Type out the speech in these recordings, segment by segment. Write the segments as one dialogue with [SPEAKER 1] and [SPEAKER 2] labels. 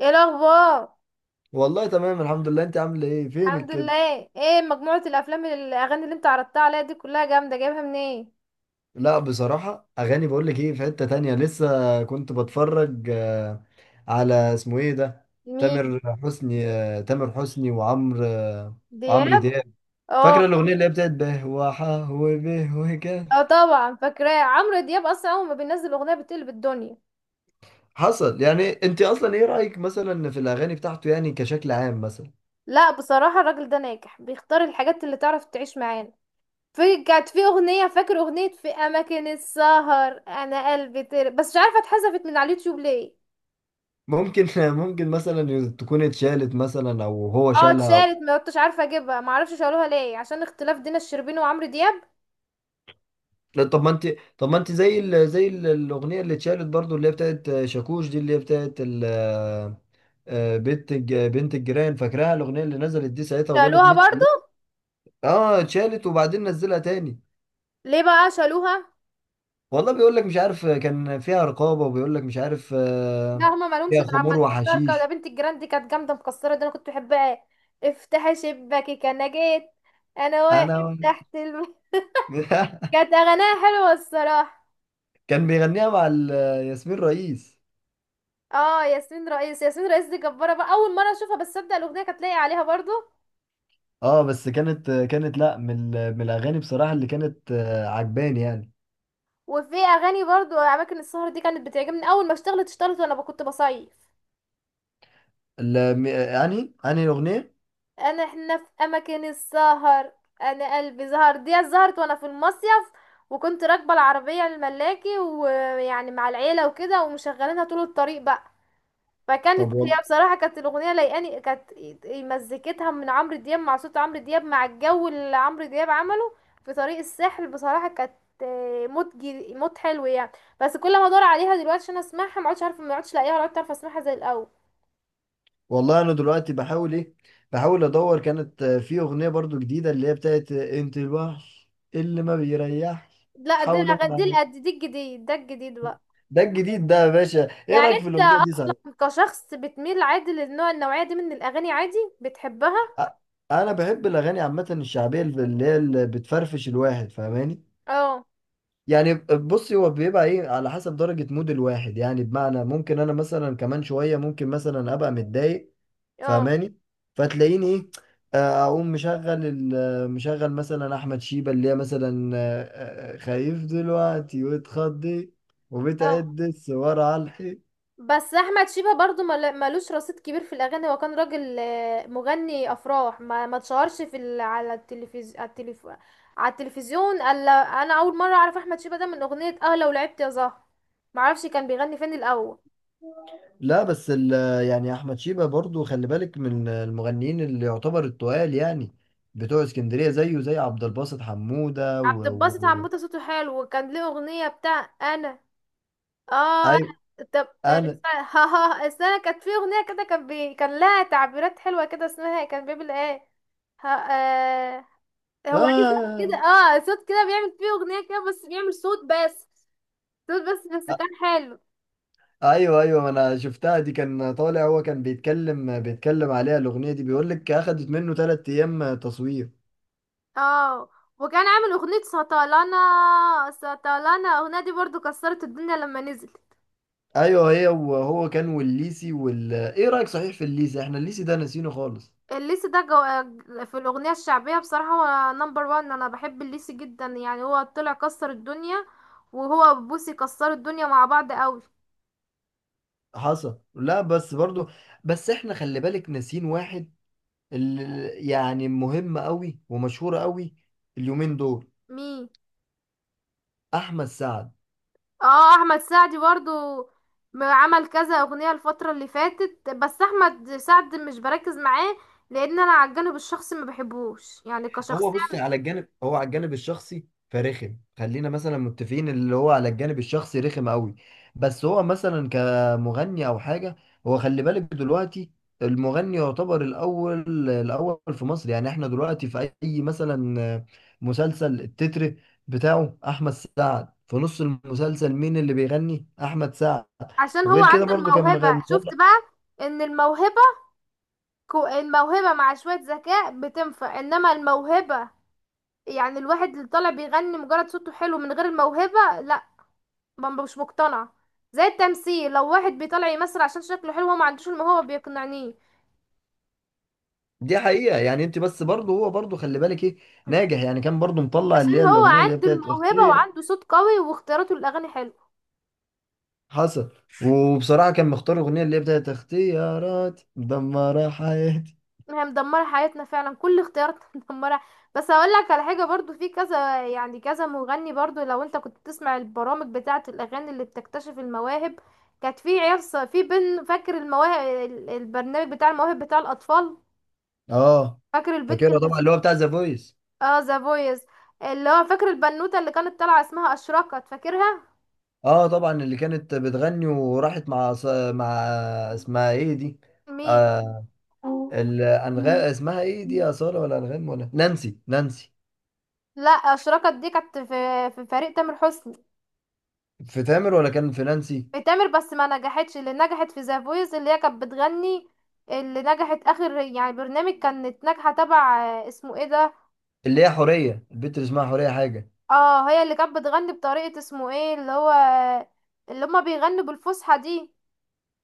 [SPEAKER 1] ايه الاخبار؟
[SPEAKER 2] والله تمام، الحمد لله. انت عامل ايه فينك
[SPEAKER 1] الحمد
[SPEAKER 2] كده؟
[SPEAKER 1] لله. ايه مجموعة الافلام الاغاني اللي انت عرضتها عليا دي كلها جامدة، جايبها منين؟
[SPEAKER 2] لا بصراحة اغاني، بقول لك ايه، في حتة تانية لسه كنت بتفرج. على اسمه ايه ده؟
[SPEAKER 1] مين؟
[SPEAKER 2] تامر حسني، وعمرو، وعمرو
[SPEAKER 1] دياب.
[SPEAKER 2] دياب.
[SPEAKER 1] اه.
[SPEAKER 2] فاكرة الاغنية اللي هي بتاعت به وحا وبه وكا؟
[SPEAKER 1] اه طبعا فاكراه، عمرو دياب اصلا اول ما بينزل اغنية بتقلب الدنيا.
[SPEAKER 2] حصل. يعني انت اصلا ايه رأيك مثلا في الاغاني بتاعته يعني كشكل عام مثلا؟
[SPEAKER 1] لا بصراحة الراجل ده ناجح، بيختار الحاجات اللي تعرف تعيش معانا. في كانت في اغنية، فاكر اغنية في اماكن السهر انا قلبي بس مش عارفة اتحذفت من على اليوتيوب ليه.
[SPEAKER 2] ممكن ممكن مثلا تكون اتشالت مثلا او هو
[SPEAKER 1] اه
[SPEAKER 2] شالها.
[SPEAKER 1] اتشالت ما كنتش عارفة اجيبها، معرفش شالوها ليه، عشان اختلاف دينا الشربيني وعمرو دياب.
[SPEAKER 2] لا، طب ما انت، طب ما انت زي الاغنيه اللي اتشالت برضو، اللي هي بتاعت شاكوش دي، اللي هي بتاعت ال... آه، بنت الجيران. فاكراها الاغنيه اللي نزلت دي ساعتها وجابت
[SPEAKER 1] شالوها
[SPEAKER 2] 100
[SPEAKER 1] برضو؟
[SPEAKER 2] مليون. اه اتشالت وبعدين نزلها تاني.
[SPEAKER 1] ليه بقى شالوها؟
[SPEAKER 2] والله بيقول لك مش عارف، كان فيها رقابه، وبيقول لك مش عارف.
[SPEAKER 1] لا هما مالهمش
[SPEAKER 2] فيها
[SPEAKER 1] دعم، ما
[SPEAKER 2] خمور
[SPEAKER 1] نقولش بركة، ده
[SPEAKER 2] وحشيش.
[SPEAKER 1] بنت الجيران دي كانت جامدة مكسرة، ده أنا كنت بحبها. افتحي شباكك أنا جيت، أنا واقف
[SPEAKER 2] انا
[SPEAKER 1] تحت كانت أغانيها حلوة الصراحة.
[SPEAKER 2] كان بيغنيها مع ياسمين رئيس.
[SPEAKER 1] اه ياسمين رئيس، ياسمين رئيس دي جبارة بقى، أول مرة أشوفها بس أبدأ الأغنية كانت لاقية عليها برضو.
[SPEAKER 2] اه، بس كانت، لا، من من الاغاني بصراحه اللي كانت عجباني يعني.
[SPEAKER 1] وفي أغاني برضو أماكن السهر دي كانت بتعجبني أول ما اشتغلت، اشتغلت وأنا كنت بصيف.
[SPEAKER 2] يعني الاغنيه.
[SPEAKER 1] انا احنا في اماكن السهر انا قلبي زهر، دي زهرت وانا في المصيف، وكنت راكبه العربيه الملاكي ويعني مع العيله وكده ومشغلينها طول الطريق بقى.
[SPEAKER 2] طب
[SPEAKER 1] فكانت هي بصراحه كانت الاغنيه لايقاني، كانت مزيكتها من عمرو دياب، مع صوت عمرو دياب، مع الجو اللي عمرو دياب عمله في طريق الساحل. بصراحه كانت موت موت حلو يعني. بس كل ما ادور عليها دلوقتي عشان اسمعها ما عادش عارفه، ما عادش لاقيها ولا عارفه اسمعها زي الاول.
[SPEAKER 2] والله انا دلوقتي بحاول ايه، بحاول ادور، كانت في اغنيه برضو جديده، اللي هي بتاعت انت الوحش اللي ما بيريحش،
[SPEAKER 1] لا دي
[SPEAKER 2] حاولوا
[SPEAKER 1] دي دي الجديد، ده الجديد بقى.
[SPEAKER 2] ده الجديد ده يا باشا. ايه
[SPEAKER 1] يعني
[SPEAKER 2] رايك في
[SPEAKER 1] انت
[SPEAKER 2] الاغنيه دي صحيح؟
[SPEAKER 1] كشخص بتميل عادي للنوع، النوعية دي من الأغاني عادي بتحبها؟
[SPEAKER 2] أ- انا بحب الاغاني عامه الشعبيه، اللي هي اللي بتفرفش الواحد، فاهماني؟
[SPEAKER 1] اه.
[SPEAKER 2] يعني بصي، هو بيبقى ايه على حسب درجة مود الواحد. يعني بمعنى ممكن انا مثلا كمان شوية ممكن مثلا ابقى متضايق.
[SPEAKER 1] اه.
[SPEAKER 2] فاهماني؟ فتلاقيني ايه؟ اقوم مشغل مشغل مثلا احمد شيبة، اللي هي مثلا خايف دلوقتي واتخضي،
[SPEAKER 1] اه
[SPEAKER 2] وبتعد الصور على الحيط.
[SPEAKER 1] بس أحمد شيبة برضو ملوش رصيد كبير في الأغاني، هو كان راجل مغني أفراح ما اتشهرش في على التلفزيون، على على التلفزيون. ألا أنا أول مرة أعرف أحمد شيبة ده من أغنية، اه لو لعبت يا زهر. معرفش كان بيغني فين الأول.
[SPEAKER 2] لا بس يعني احمد شيبة برضو، خلي بالك، من المغنيين اللي يعتبر التقال يعني بتوع اسكندرية، زيه زي عبد الباسط حمودة
[SPEAKER 1] عبد الباسط حموته صوته حلو، وكان ليه أغنية بتاع أنا. اه انا.
[SPEAKER 2] ايوه،
[SPEAKER 1] طب
[SPEAKER 2] انا،
[SPEAKER 1] ها ها السنة كانت في اغنية كده، كان كان لها تعبيرات حلوة كده، اسمها كان بيعمل ايه. ها هو ليه صوت كده،
[SPEAKER 2] آه،
[SPEAKER 1] اه صوت كده بيعمل فيه اغنية كده، بس بيعمل صوت بس، صوت بس، بس كان حلو.
[SPEAKER 2] أيوه، أيوه. ما أنا شفتها دي، كان طالع، هو كان بيتكلم عليها الأغنية دي، بيقول لك أخدت منه 3 أيام تصوير.
[SPEAKER 1] اه وكان عامل اغنية سطلانة، سطلانة الاغنية دي برضو كسرت الدنيا لما نزلت.
[SPEAKER 2] أيوه، هي، وهو كان والليسي وال إيه رأيك صحيح في الليسي؟ إحنا الليسي ده ناسينه خالص.
[SPEAKER 1] الليسي ده في الأغنية الشعبية بصراحة هو نمبر وان. أنا بحب الليسي جدا، يعني هو طلع كسر الدنيا، وهو بوسي كسروا الدنيا مع بعض قوي.
[SPEAKER 2] حصل. لا بس برضو، بس إحنا خلي بالك ناسين واحد، اللي يعني مهم أوي ومشهور أوي اليومين دول.
[SPEAKER 1] مين؟
[SPEAKER 2] أحمد سعد.
[SPEAKER 1] اه أحمد سعد برضو عمل كذا أغنية الفترة اللي فاتت، بس أحمد سعد مش بركز معاه لأن أنا على الجانب الشخصي ما بحبوش يعني
[SPEAKER 2] هو بص،
[SPEAKER 1] كشخصية.
[SPEAKER 2] على الجانب، هو على الجانب الشخصي فرخم. خلينا مثلا متفقين، اللي هو على الجانب الشخصي رخم قوي. بس هو مثلا كمغني او حاجه، هو خلي بالك دلوقتي المغني يعتبر الاول في مصر. يعني احنا دلوقتي في اي مثلا مسلسل، التتر بتاعه احمد سعد، في نص المسلسل مين اللي بيغني؟ احمد سعد.
[SPEAKER 1] عشان هو
[SPEAKER 2] وغير كده
[SPEAKER 1] عنده
[SPEAKER 2] برضو كان
[SPEAKER 1] الموهبة. شفت بقى؟ إن الموهبة، الموهبة مع شوية ذكاء بتنفع، إنما الموهبة يعني الواحد اللي طالع بيغني مجرد صوته حلو من غير الموهبة لا، مش مقتنع. زي التمثيل، لو واحد بيطلع يمثل عشان شكله حلو هو ما عندوش الموهبة بيقنعنيه.
[SPEAKER 2] دي حقيقة. يعني انت بس برضه، هو برضه، خلي بالك ايه، ناجح. يعني كان برضه مطلع
[SPEAKER 1] عشان
[SPEAKER 2] اللي هي
[SPEAKER 1] هو
[SPEAKER 2] الاغنية، اللي هي
[SPEAKER 1] عنده
[SPEAKER 2] بتاعت
[SPEAKER 1] الموهبة
[SPEAKER 2] اختي.
[SPEAKER 1] وعنده صوت قوي، واختياراته للأغاني حلو.
[SPEAKER 2] حصل. وبصراحة كان مختار الاغنية اللي هي بتاعت اختيارات مدمرة حياتي.
[SPEAKER 1] هي مدمرة حياتنا فعلا، كل اختياراتنا مدمرة. بس هقول لك على حاجة برضو، في كذا يعني كذا مغني برضو، لو انت كنت بتسمع البرامج بتاعة الأغاني اللي بتكتشف المواهب، كانت في عيال في بن، فاكر المواهب، البرنامج بتاع المواهب بتاع الأطفال؟
[SPEAKER 2] اه
[SPEAKER 1] فاكر البنت
[SPEAKER 2] فاكرها
[SPEAKER 1] اللي،
[SPEAKER 2] طبعا، اللي هو بتاع ذا فويس.
[SPEAKER 1] اه ذا فويس، اللي هو فاكر البنوتة اللي كانت طالعة اسمها أشرقت، فاكرها؟
[SPEAKER 2] اه طبعا، اللي كانت بتغني وراحت مع مع اسمها ايه دي؟
[SPEAKER 1] مين؟
[SPEAKER 2] آه الانغام، اسمها ايه دي؟ اصالة ولا انغام ولا نانسي؟ نانسي.
[SPEAKER 1] لا أشرقت دي كانت في فريق تامر حسني.
[SPEAKER 2] في تامر ولا كان في نانسي؟
[SPEAKER 1] في تامر بس ما نجحتش، اللي نجحت في ذا فويس اللي هي كانت بتغني، اللي نجحت اخر يعني برنامج كانت ناجحة تبع اسمه ايه ده.
[SPEAKER 2] اللي هي حورية البت، اللي اسمها حورية حاجة.
[SPEAKER 1] اه هي اللي كانت بتغني بطريقة، اسمه ايه اللي هو، اللي هما بيغنوا بالفصحى دي.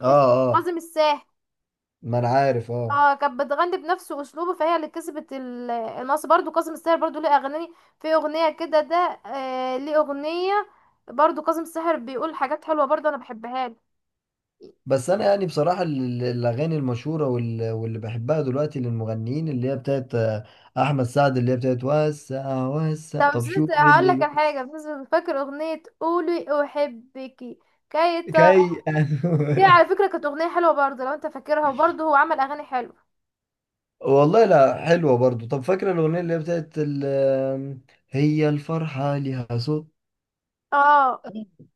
[SPEAKER 2] اه،
[SPEAKER 1] اسم-
[SPEAKER 2] اه،
[SPEAKER 1] كاظم الساهر.
[SPEAKER 2] ما انا عارف، اه.
[SPEAKER 1] اه كانت بتغني بنفس اسلوبه، فهي اللي كسبت النص. برضو كاظم الساهر برضو ليه اغاني، في اغنيه كده ده، آه ليه اغنيه. برضو كاظم الساهر بيقول حاجات حلوه، برضو انا بحبها له.
[SPEAKER 2] بس انا يعني بصراحه الاغاني المشهوره واللي بحبها دلوقتي للمغنيين، اللي هي بتاعت احمد سعد، اللي هي بتاعت وسع وسع.
[SPEAKER 1] طب
[SPEAKER 2] طب
[SPEAKER 1] ست،
[SPEAKER 2] شوف إيه
[SPEAKER 1] هقول
[SPEAKER 2] اللي
[SPEAKER 1] لك على حاجه بس، فاكر اغنيه قولي احبكي، كي تر
[SPEAKER 2] كي
[SPEAKER 1] دي على فكره كانت اغنيه حلوه برضو لو انت فاكرها، وبرضو هو عمل اغاني حلوه.
[SPEAKER 2] والله لا حلوه برضو. طب فاكره الاغنيه اللي هي بتاعت ال- آم، هي الفرحه ليها صوت.
[SPEAKER 1] اه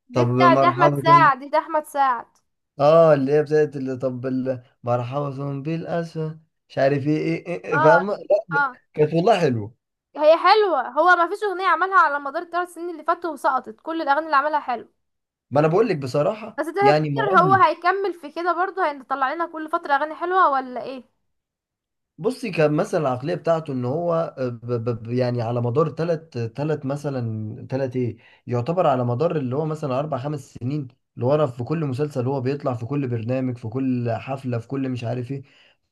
[SPEAKER 1] دي
[SPEAKER 2] طب
[SPEAKER 1] بتاع ده احمد
[SPEAKER 2] مرحبا،
[SPEAKER 1] سعد، دي ده احمد سعد.
[SPEAKER 2] اه، اللي هي بتاعت، اللي طب مرحبا بالاسفل مش عارف ايه، ايه،
[SPEAKER 1] اه.
[SPEAKER 2] فاهمه؟ لا،
[SPEAKER 1] اه.
[SPEAKER 2] كانت والله حلوه.
[SPEAKER 1] هي حلوة هو، ما فيش أغنية عملها على مدار 3 سنين اللي فاتوا وسقطت، كل الأغاني اللي عملها حلو.
[SPEAKER 2] ما انا بقول لك بصراحه
[SPEAKER 1] بس
[SPEAKER 2] يعني
[SPEAKER 1] تفتكر هو
[SPEAKER 2] مغني.
[SPEAKER 1] هيكمل في كده برضه، هيطلع لنا كل فترة أغاني حلوة ولا ايه؟
[SPEAKER 2] بصي كان مثلا العقلية بتاعته ان هو، يعني على مدار تلت ايه، يعتبر على مدار اللي هو مثلا اربع خمس سنين اللي ورا، في كل مسلسل هو بيطلع، في كل برنامج، في كل حفلة، في كل مش عارف ايه.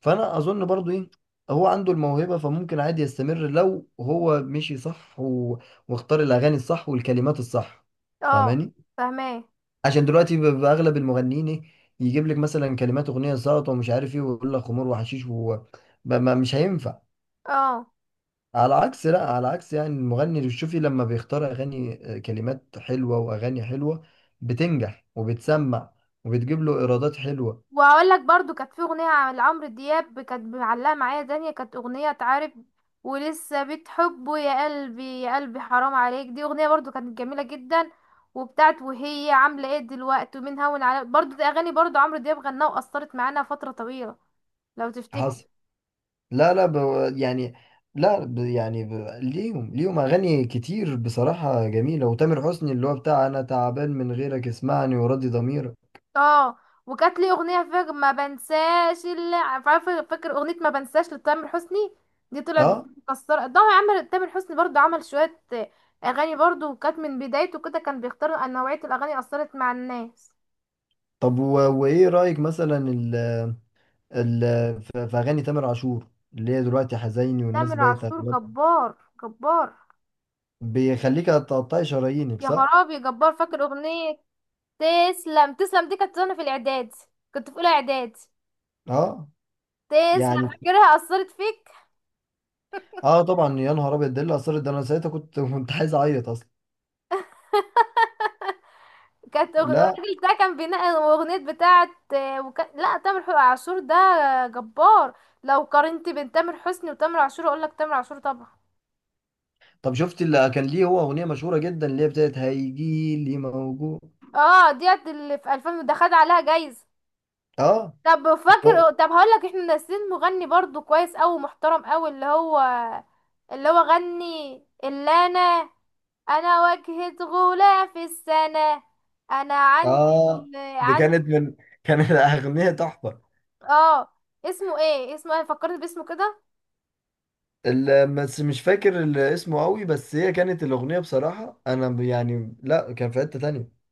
[SPEAKER 2] فانا اظن برضو ايه، هو عنده الموهبة فممكن عادي يستمر لو هو مشي صح واختار الاغاني الصح والكلمات الصح.
[SPEAKER 1] اه.
[SPEAKER 2] فاهماني؟
[SPEAKER 1] فاهماه.
[SPEAKER 2] عشان دلوقتي باغلب المغنيين ايه، يجيب لك مثلا كلمات اغنية ساقطة ومش عارف ايه، ويقول لك خمور وحشيش و... ما ما- مش هينفع.
[SPEAKER 1] اه
[SPEAKER 2] على عكس، لا، على عكس يعني المغني، اللي شوفي لما بيختار اغاني كلمات حلوه واغاني حلوه، بتنجح وبتسمع وبتجيب له ايرادات حلوه.
[SPEAKER 1] وهقول لك برضه، كانت في أغنية عن لعمرو دياب كانت معلقة معايا، دنيا كانت أغنية تعرف، ولسه بتحبه يا قلبي، يا قلبي حرام عليك، دي أغنية برضه كانت جميلة جدا. وبتاعت وهي عاملة ايه دلوقتي، ومين هون على، برضه دي أغاني برضه عمرو دياب غناها وأثرت معانا فترة طويلة، لو تفتكر.
[SPEAKER 2] حصل. لا، يعني لا ب... يعني ب... ليهم، اغاني كتير بصراحه جميله، وتامر حسني اللي هو بتاع انا تعبان من غيرك، اسمعني وراضي ضميرك.
[SPEAKER 1] اه وكانت لي اغنيه، فاكر ما بنساش اللي عارفه، فاكر اغنيه ما بنساش لتامر حسني، دي طلعت
[SPEAKER 2] اه،
[SPEAKER 1] مكسره. ده عمل تامر حسني برضو، عمل شويه اغاني برضو وكانت من بدايته كده كان بيختار ان نوعيه الاغاني اثرت مع الناس.
[SPEAKER 2] طب وايه رايك مثلا ال... في اغاني تامر عاشور، اللي هي دلوقتي حزيني والناس
[SPEAKER 1] تامر
[SPEAKER 2] بقت
[SPEAKER 1] عاشور جبار، جبار.
[SPEAKER 2] بيخليك تقطعي شرايينك،
[SPEAKER 1] يا
[SPEAKER 2] صح؟
[SPEAKER 1] خرابي جبار، فاكر اغنيه تسلم، تسلم دي كانت وانا في الاعداد، كنت في اولى اعداد.
[SPEAKER 2] اه،
[SPEAKER 1] تسلم
[SPEAKER 2] يعني،
[SPEAKER 1] فاكرها، اثرت فيك؟
[SPEAKER 2] اه طبعا. يا نهار ابيض، ده اللي اثرت ده، انا ساعتها كنت كنت عايز اعيط اصلا.
[SPEAKER 1] كانت
[SPEAKER 2] لا،
[SPEAKER 1] الراجل ده كان بينقي الاغنيه بتاعه لا تامر عاشور ده جبار. لو قارنت بين تامر حسني وتامر عاشور اقول لك تامر عاشور طبعا.
[SPEAKER 2] طب شفت اللي كان ليه هو اغنيه مشهوره جدا، اللي هي بتاعت هيجي لي موجود.
[SPEAKER 1] اه ديت اللي في 2000 ده خد عليها جايزه.
[SPEAKER 2] اه
[SPEAKER 1] طب فاكر، طب هقول لك احنا ناسيين مغني برضو كويس قوي محترم قوي، اللي هو اللي هو غني، اللي انا، انا واجهة غلاة في السنة، انا عندي
[SPEAKER 2] اه، دي
[SPEAKER 1] عندي.
[SPEAKER 2] كانت من، كانت اغنيه تحفه.
[SPEAKER 1] اه اسمه ايه، اسمه انا فكرت باسمه كده.
[SPEAKER 2] بس مش فاكر اسمه قوي، بس هي كانت الاغنيه بصراحه، انا يعني لا، كان في حته تانية.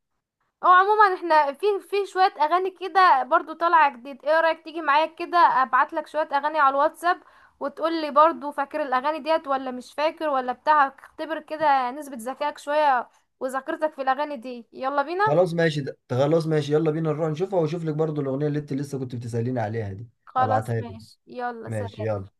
[SPEAKER 1] اه عموما احنا في، في شوية اغاني كده برضو طالعة جديد، ايه رأيك تيجي معايا كده ابعت لك شوية اغاني على الواتساب، وتقول لي برضو فاكر الاغاني ديت ولا مش فاكر ولا بتاع. اختبر كده نسبة ذكائك شوية، وذاكرتك في الاغاني دي. يلا بينا.
[SPEAKER 2] خلاص ماشي، ده خلاص ماشي، يلا بينا نروح نشوفها، واشوف لك برضو الاغنيه اللي انت لسه كنت بتساليني عليها دي،
[SPEAKER 1] خلاص
[SPEAKER 2] ابعتها لك.
[SPEAKER 1] ماشي يلا
[SPEAKER 2] ماشي
[SPEAKER 1] سلام.
[SPEAKER 2] يلا.